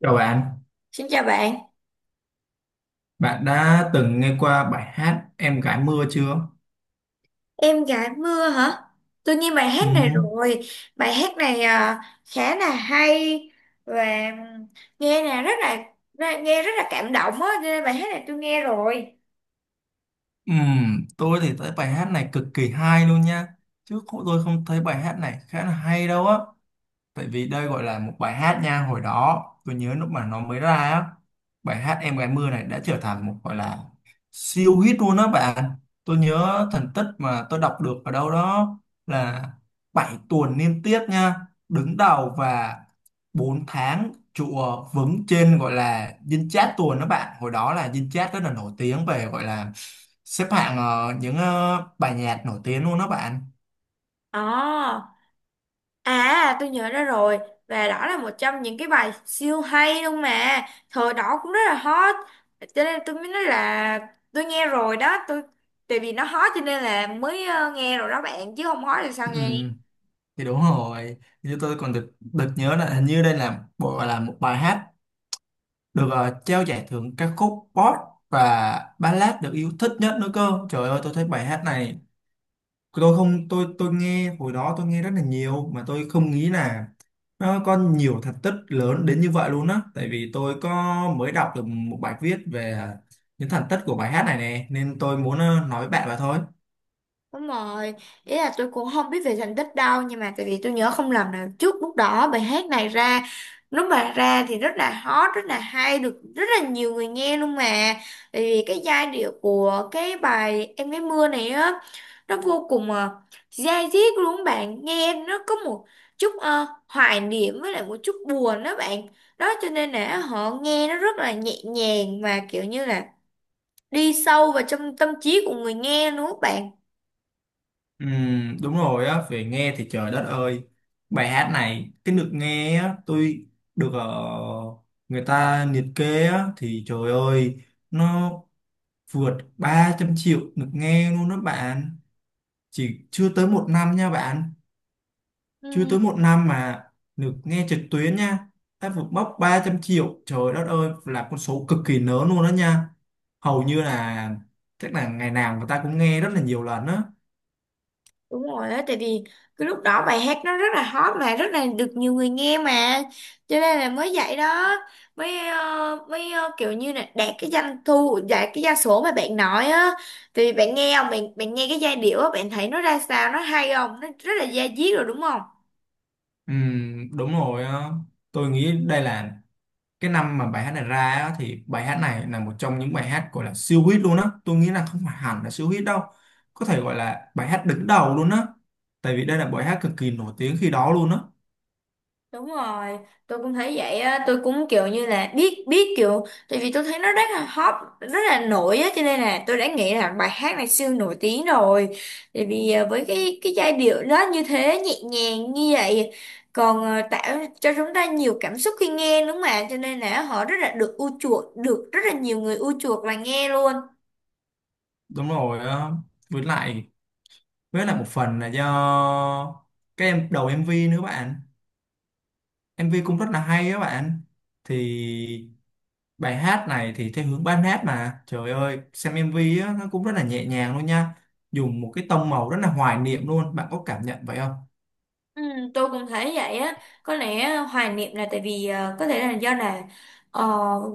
Chào bạn, Xin chào bạn, bạn đã từng nghe qua bài hát Em gái mưa chưa? em gái mưa hả? Tôi nghe bài Ừ, hát này rồi, bài hát này à, khá là hay và nghe là rất là nghe rất là cảm động á, cho nên bài hát này tôi nghe rồi. ừ, tôi thì thấy bài hát này cực kỳ hay luôn nha. Chứ không, tôi không thấy bài hát này khá là hay đâu á. Tại vì đây gọi là một bài hát nha. Hồi đó tôi nhớ lúc mà nó mới ra á. Bài hát Em gái mưa này đã trở thành một gọi là siêu hit luôn đó bạn. Tôi nhớ thành tích mà tôi đọc được ở đâu đó là 7 tuần liên tiếp nha. Đứng đầu và 4 tháng trụ vững trên gọi là dinh chat tuần đó bạn. Hồi đó là dinh chat rất là nổi tiếng về gọi là xếp hạng những bài nhạc nổi tiếng luôn đó bạn. À, à tôi nhớ ra rồi và đó là một trong những cái bài siêu hay luôn mà, thời đó cũng rất là hot, cho nên tôi mới nói là tôi nghe rồi đó, tôi tại vì nó hot cho nên là mới nghe rồi đó bạn chứ không hot thì sao Ừ, nghe? thì đúng rồi, như tôi còn được được nhớ là hình như đây là bộ là một bài hát được trao giải thưởng ca khúc pop và ballad được yêu thích nhất nữa cơ. Trời ơi, tôi thấy bài hát này, tôi không, tôi nghe hồi đó tôi nghe rất là nhiều mà tôi không nghĩ là nó có nhiều thành tích lớn đến như vậy luôn á. Tại vì tôi có mới đọc được một bài viết về những thành tích của bài hát này nè nên tôi muốn nói với bạn vậy thôi. Đúng rồi, ý là tôi cũng không biết về thành tích đâu. Nhưng mà tại vì tôi nhớ không lầm là trước lúc đó bài hát này ra. Lúc mà ra thì rất là hot, rất là hay, được rất là nhiều người nghe luôn mà. Tại vì cái giai điệu của cái bài Em gái mưa này á, nó vô cùng dai diết luôn á bạn. Nghe nó có một chút hoài niệm với lại một chút buồn đó bạn. Đó cho nên là họ nghe nó rất là nhẹ nhàng, mà kiểu như là đi sâu vào trong tâm trí của người nghe luôn á bạn. Ừ, đúng rồi á, về nghe thì trời đất ơi. Bài hát này, cái được nghe á, tôi được người ta liệt kê á. Thì trời ơi, nó vượt 300 triệu được nghe luôn đó bạn. Chỉ chưa tới một năm nha bạn. Chưa Ừ. tới một năm mà được nghe trực tuyến nha. Đã vượt mốc 300 triệu, trời đất ơi là con số cực kỳ lớn luôn đó nha. Hầu như là, chắc là ngày nào người ta cũng nghe rất là nhiều lần á. Đúng rồi á, tại vì cái lúc đó bài hát nó rất là hot mà rất là được nhiều người nghe mà, cho nên là mới vậy đó, mới kiểu như là đạt cái doanh thu, đạt cái gia số mà bạn nói á, thì bạn nghe không, bạn bạn nghe cái giai điệu á, bạn thấy nó ra sao, nó hay không, nó rất là da diết rồi đúng không? Ừ, đúng rồi á. Tôi nghĩ đây là cái năm mà bài hát này ra á, thì bài hát này là một trong những bài hát gọi là siêu hit luôn á. Tôi nghĩ là không phải hẳn là siêu hit đâu, có thể gọi là bài hát đứng đầu luôn á, tại vì đây là bài hát cực kỳ nổi tiếng khi đó luôn á. Đúng rồi, tôi cũng thấy vậy á, tôi cũng kiểu như là biết biết kiểu tại vì tôi thấy nó rất là hot, rất là nổi á, cho nên là tôi đã nghĩ là bài hát này siêu nổi tiếng rồi. Tại vì với cái giai điệu đó như thế nhẹ nhàng như vậy, còn tạo cho chúng ta nhiều cảm xúc khi nghe đúng không ạ? Cho nên là họ rất là được ưa chuộng, được rất là nhiều người ưa chuộng và nghe luôn. Đúng rồi á, với lại với lại một phần là do cái em đầu MV nữa bạn. MV cũng rất là hay á bạn. Thì bài hát này thì theo hướng ballad hát, mà trời ơi, xem MV á, nó cũng rất là nhẹ nhàng luôn nha. Dùng một cái tông màu rất là hoài niệm luôn, bạn có cảm nhận vậy không? Ừ, tôi cũng thấy vậy á, có lẽ hoài niệm là tại vì có thể là do là ờ,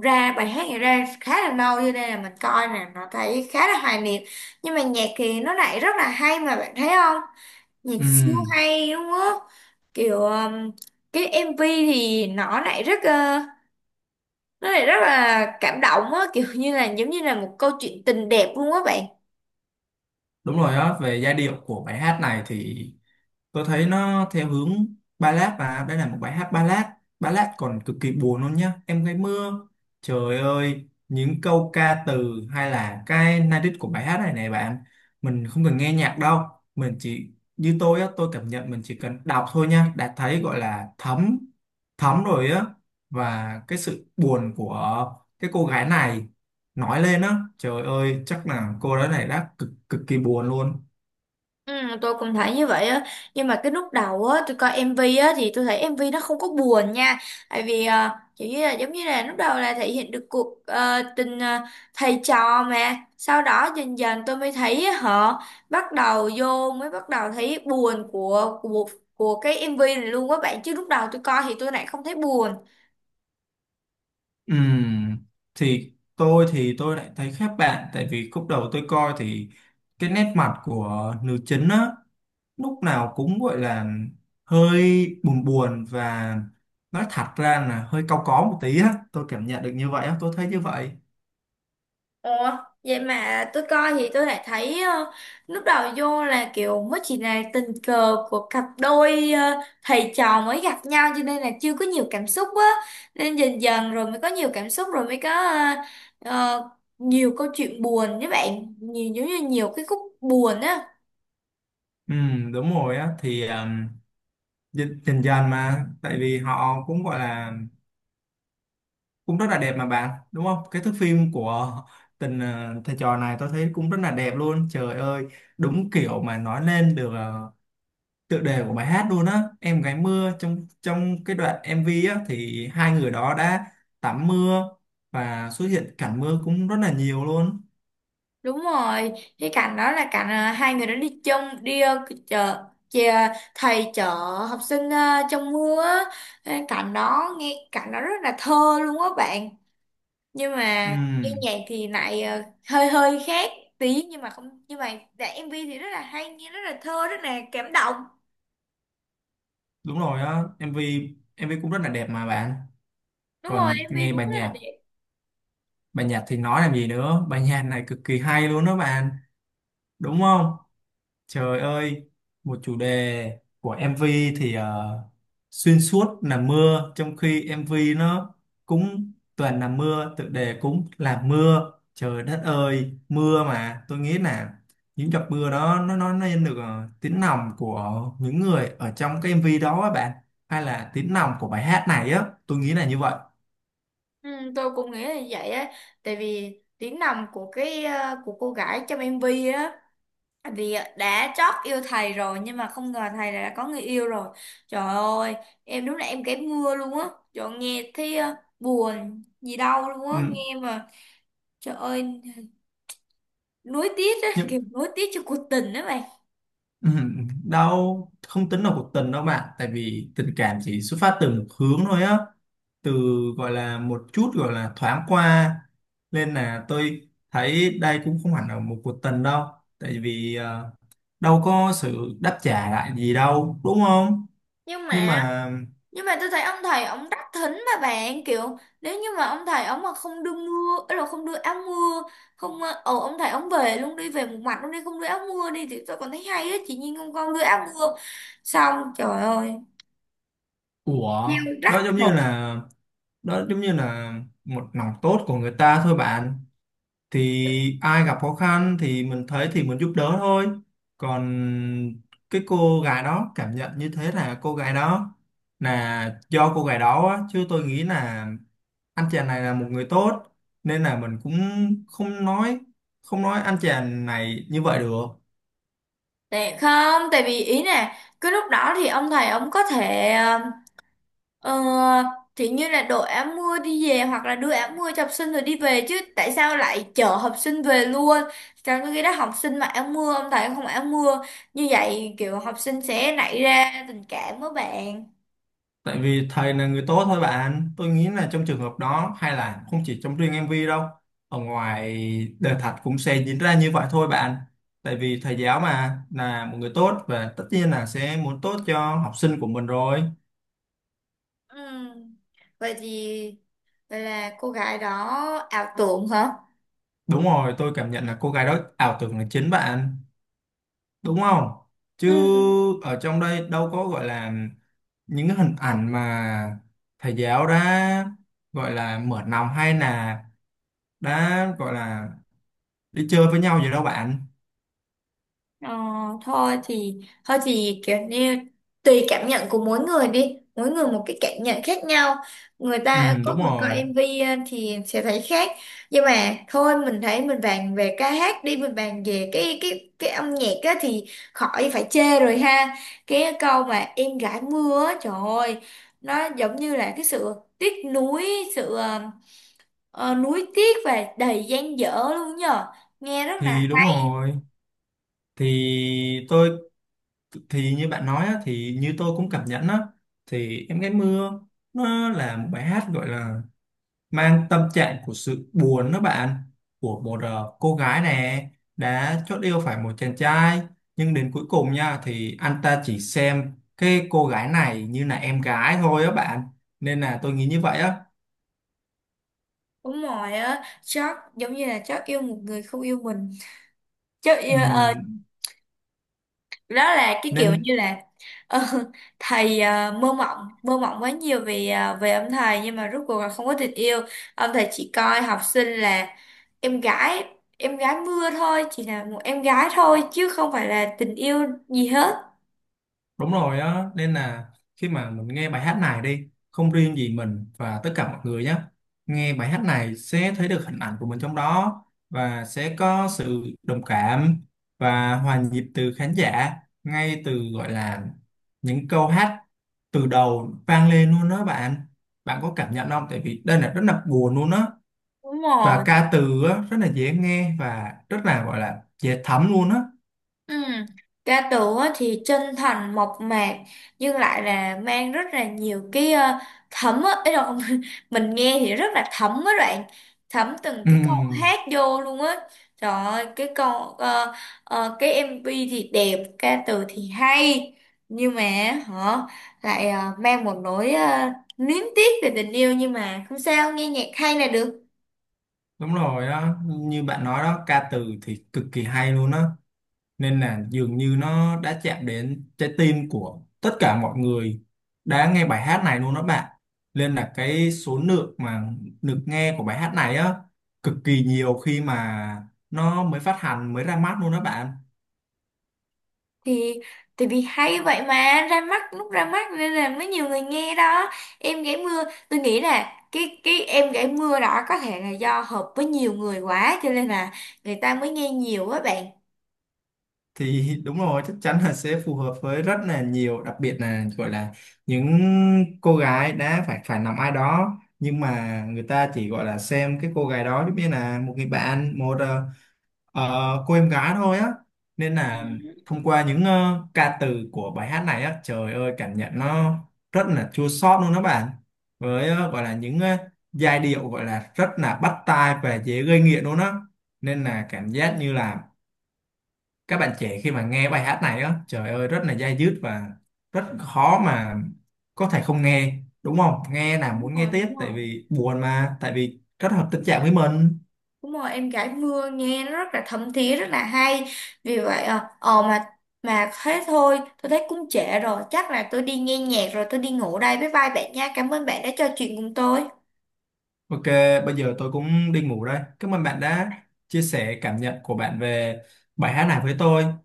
ra bài hát này ra khá là lâu, cho nên là mình coi nè nó thấy khá là hoài niệm, nhưng mà nhạc thì nó lại rất là hay mà bạn thấy không, nhạc Ừ, siêu hay đúng không? Kiểu Cái MV thì nó lại nó lại rất là cảm động á, kiểu như là giống như là một câu chuyện tình đẹp luôn á bạn. đúng rồi á, về giai điệu của bài hát này thì tôi thấy nó theo hướng ballad và đây là một bài hát ballad. Ballad còn cực kỳ buồn luôn nhá. Em gái mưa, trời ơi những câu ca từ hay là cái lyric của bài hát này này bạn, mình không cần nghe nhạc đâu. Mình chỉ, như tôi á, tôi cảm nhận mình chỉ cần đọc thôi nha đã thấy gọi là thấm thấm rồi á. Và cái sự buồn của cái cô gái này nói lên á, trời ơi chắc là cô gái này đã cực cực kỳ buồn luôn. Ừ, tôi cũng thấy như vậy á, nhưng mà cái lúc đầu á tôi coi MV á thì tôi thấy MV nó không có buồn nha, tại vì chỉ như là giống như là lúc đầu là thể hiện được cuộc tình thầy trò, mà sau đó dần dần tôi mới thấy họ bắt đầu vô mới bắt đầu thấy buồn của cái MV này luôn á bạn, chứ lúc đầu tôi coi thì tôi lại không thấy buồn. Ừm, thì tôi lại thấy khác bạn, tại vì khúc đầu tôi coi thì cái nét mặt của nữ chính á, lúc nào cũng gọi là hơi buồn buồn và nói thật ra là hơi cau có một tí á. Tôi cảm nhận được như vậy á, tôi thấy như vậy. Ủa, vậy mà tôi coi thì tôi lại thấy lúc đầu vô là kiểu mới chỉ là tình cờ của cặp đôi thầy trò mới gặp nhau, cho nên là chưa có nhiều cảm xúc á. Nên dần dần rồi mới có nhiều cảm xúc, rồi mới có ờ, nhiều câu chuyện buồn với bạn. Nhiều giống như nhiều cái khúc buồn á. Đúng rồi á, thì dần dần dần mà, tại vì họ cũng gọi là cũng rất là đẹp mà bạn đúng không, cái thước phim của tình thầy trò này tôi thấy cũng rất là đẹp luôn. Trời ơi, đúng kiểu mà nói lên được tựa đề của bài hát luôn á, em gái mưa, trong trong cái đoạn MV á thì hai người đó đã tắm mưa và xuất hiện cảnh mưa cũng rất là nhiều luôn. Đúng rồi, cái cảnh đó là cảnh hai người đó đi chung, đi chợ thầy chở học sinh trong mưa á. Cái cảnh đó nghe cảnh đó rất là thơ luôn á bạn, nhưng mà cái Ừm, nhạc thì lại hơi hơi khác tí, nhưng mà không, nhưng mà dạ, MV thì rất là hay, nghe rất là thơ, rất là cảm động. đúng rồi á, MV, MV cũng rất là đẹp mà bạn. Đúng rồi, Còn MV nghe cũng bài rất là nhạc đẹp. bài nhạc thì nói làm gì nữa, bài nhạc này cực kỳ hay luôn đó bạn, đúng không? Trời ơi, một chủ đề của MV thì xuyên suốt là mưa, trong khi MV nó cũng toàn là mưa, tựa đề cũng là mưa. Trời đất ơi, mưa mà tôi nghĩ là những giọt mưa đó nó nên được tiếng lòng của những người ở trong cái MV đó á bạn, hay là tiếng lòng của bài hát này á, tôi nghĩ là như vậy. Ừ, tôi cũng nghĩ là như vậy á, tại vì tiếng nằm của cái của cô gái trong MV á, tại vì đã chót yêu thầy rồi nhưng mà không ngờ thầy đã có người yêu rồi, trời ơi, em đúng là em kém mưa luôn á, trời ơi, nghe thấy buồn gì đâu luôn á Ừ, nghe mà. Trời ơi, nuối tiếc á, nhưng kiểu nuối tiếc cho cuộc tình đó. ừ, đâu không tính là cuộc tình đâu bạn, tại vì tình cảm chỉ xuất phát từ một hướng thôi á, từ gọi là một chút gọi là thoáng qua, nên là tôi thấy đây cũng không hẳn là một cuộc tình đâu, tại vì đâu có sự đáp trả lại gì đâu đúng không. nhưng Nhưng mà mà, nhưng mà tôi thấy ông thầy ông rất thính mà bạn, kiểu nếu như mà ông thầy ông mà không đưa mưa ấy, là không đưa áo mưa, không ông thầy ông về luôn đi, về một mặt luôn đi, không đưa áo mưa đi thì tôi còn thấy hay á, chị Nhiên không con đưa áo mưa xong trời ơi ủa, đó rắc giống như rồi là đó giống như là một lòng tốt của người ta thôi bạn, thì ai gặp khó khăn thì mình thấy thì mình giúp đỡ thôi. Còn cái cô gái đó cảm nhận như thế là cô gái đó, là do cô gái đó á, chứ tôi nghĩ là anh chàng này là một người tốt, nên là mình cũng không nói không nói anh chàng này như vậy được. tệ không, tại vì ý nè cái lúc đó thì ông thầy ông có thể Ờ, thì như là đội áo mưa đi về, hoặc là đưa áo mưa cho học sinh rồi đi về, chứ tại sao lại chở học sinh về luôn, trong cái đó học sinh mặc áo mưa, ông thầy không mặc áo mưa, như vậy kiểu học sinh sẽ nảy ra tình cảm với bạn. Tại vì thầy là người tốt thôi bạn. Tôi nghĩ là trong trường hợp đó hay là không chỉ trong riêng MV đâu. Ở ngoài đời thật cũng sẽ diễn ra như vậy thôi bạn. Tại vì thầy giáo mà là một người tốt và tất nhiên là sẽ muốn tốt cho học sinh của mình rồi. Ừ. Vậy thì vậy là cô gái đó ảo tưởng hả? Đúng rồi, tôi cảm nhận là cô gái đó ảo tưởng là chính bạn. Đúng không? Chứ Ừ. ở trong đây đâu có gọi là những cái hình ảnh mà thầy giáo đã gọi là mở lòng hay là đã gọi là đi chơi với nhau gì đâu bạn. Ờ, Thôi thì, thôi thì kiểu như tùy cảm nhận của mỗi người đi, mỗi người một cái cảm nhận khác nhau, người Ừ, ta có đúng người coi rồi, MV thì sẽ thấy khác. Nhưng mà thôi, mình thấy mình bàn về ca hát đi, mình bàn về cái âm nhạc á, thì khỏi phải chê rồi ha. Cái câu mà em gái mưa á, trời ơi, nó giống như là cái sự tiếc nuối, sự nuối tiếc và đầy dang dở luôn nhờ, nghe rất là. thì đúng rồi, thì tôi, thì như bạn nói á, thì như tôi cũng cảm nhận á, thì em gái mưa nó là một bài hát gọi là mang tâm trạng của sự buồn đó bạn, của một cô gái nè, đã chót yêu phải một chàng trai nhưng đến cuối cùng nha thì anh ta chỉ xem cái cô gái này như là em gái thôi á bạn, nên là tôi nghĩ như vậy á. Đúng rồi á, chắc giống như là chắc yêu một người không yêu mình. Chắc Ừ, yêu, đó là cái kiểu nên như là ờ, thầy mơ mộng quá nhiều về về ông thầy, nhưng mà rốt cuộc là không có tình yêu. Ông thầy chỉ coi học sinh là em gái, em gái mưa thôi, chỉ là một em gái thôi chứ không phải là tình yêu gì hết. đúng rồi á, nên là khi mà mình nghe bài hát này đi, không riêng gì mình và tất cả mọi người nhé. Nghe bài hát này sẽ thấy được hình ảnh của mình trong đó và sẽ có sự đồng cảm và hòa nhịp từ khán giả ngay từ gọi là những câu hát từ đầu vang lên luôn đó bạn. Bạn có cảm nhận không? Tại vì đây là rất là buồn luôn á, Đúng và rồi. ca từ á, rất là dễ nghe và rất là gọi là dễ thấm luôn á. Ừ. Ca tù á thì chân thành mộc mạc, nhưng lại là mang rất là nhiều cái thấm á ấy đâu mình nghe thì rất là thấm á bạn, thấm từng Ừ, cái câu hát vô luôn á. Trời ơi cái câu ờ, cái MV thì đẹp, ca từ thì hay, nhưng mà họ lại mang một nỗi luyến tiếc về tình yêu, nhưng mà không sao, nghe nhạc hay là được. đúng rồi đó, như bạn nói đó, ca từ thì cực kỳ hay luôn đó. Nên là dường như nó đã chạm đến trái tim của tất cả mọi người đã nghe bài hát này luôn đó bạn. Nên là cái số lượng mà được nghe của bài hát này á cực kỳ nhiều khi mà nó mới phát hành, mới ra mắt luôn đó bạn. Thì tại vì hay vậy mà ra mắt, lúc ra mắt nên là mới nhiều người nghe đó. Em gãy mưa, tôi nghĩ là cái em gãy mưa đó có thể là do hợp với nhiều người quá, cho nên là người ta mới nghe nhiều á bạn. Thì đúng rồi, chắc chắn là sẽ phù hợp với rất là nhiều, đặc biệt là gọi là những cô gái đã phải phải nằm ai đó nhưng mà người ta chỉ gọi là xem cái cô gái đó giống như là một người bạn, một cô em gái thôi á, nên là thông qua những ca từ của bài hát này á, trời ơi cảm nhận nó rất là chua xót luôn đó bạn, với gọi là những giai điệu gọi là rất là bắt tai và dễ gây nghiện luôn á, nên là cảm giác như là các bạn trẻ khi mà nghe bài hát này á, trời ơi rất là dai dứt và rất khó mà có thể không nghe, đúng không, nghe là đúng muốn nghe rồi đúng tiếp, tại rồi vì buồn mà, tại vì rất hợp tình trạng với mình. đúng rồi em gãy mưa nghe nó rất là thấm thía, rất là hay, vì vậy ờ ờ mà thế thôi, tôi thấy cũng trễ rồi, chắc là tôi đi nghe nhạc rồi tôi đi ngủ đây, bye bye bạn nha, cảm ơn bạn đã trò chuyện cùng tôi. OK, bây giờ tôi cũng đi ngủ đây, cảm ơn bạn đã chia sẻ cảm nhận của bạn về bài hát này với tôi.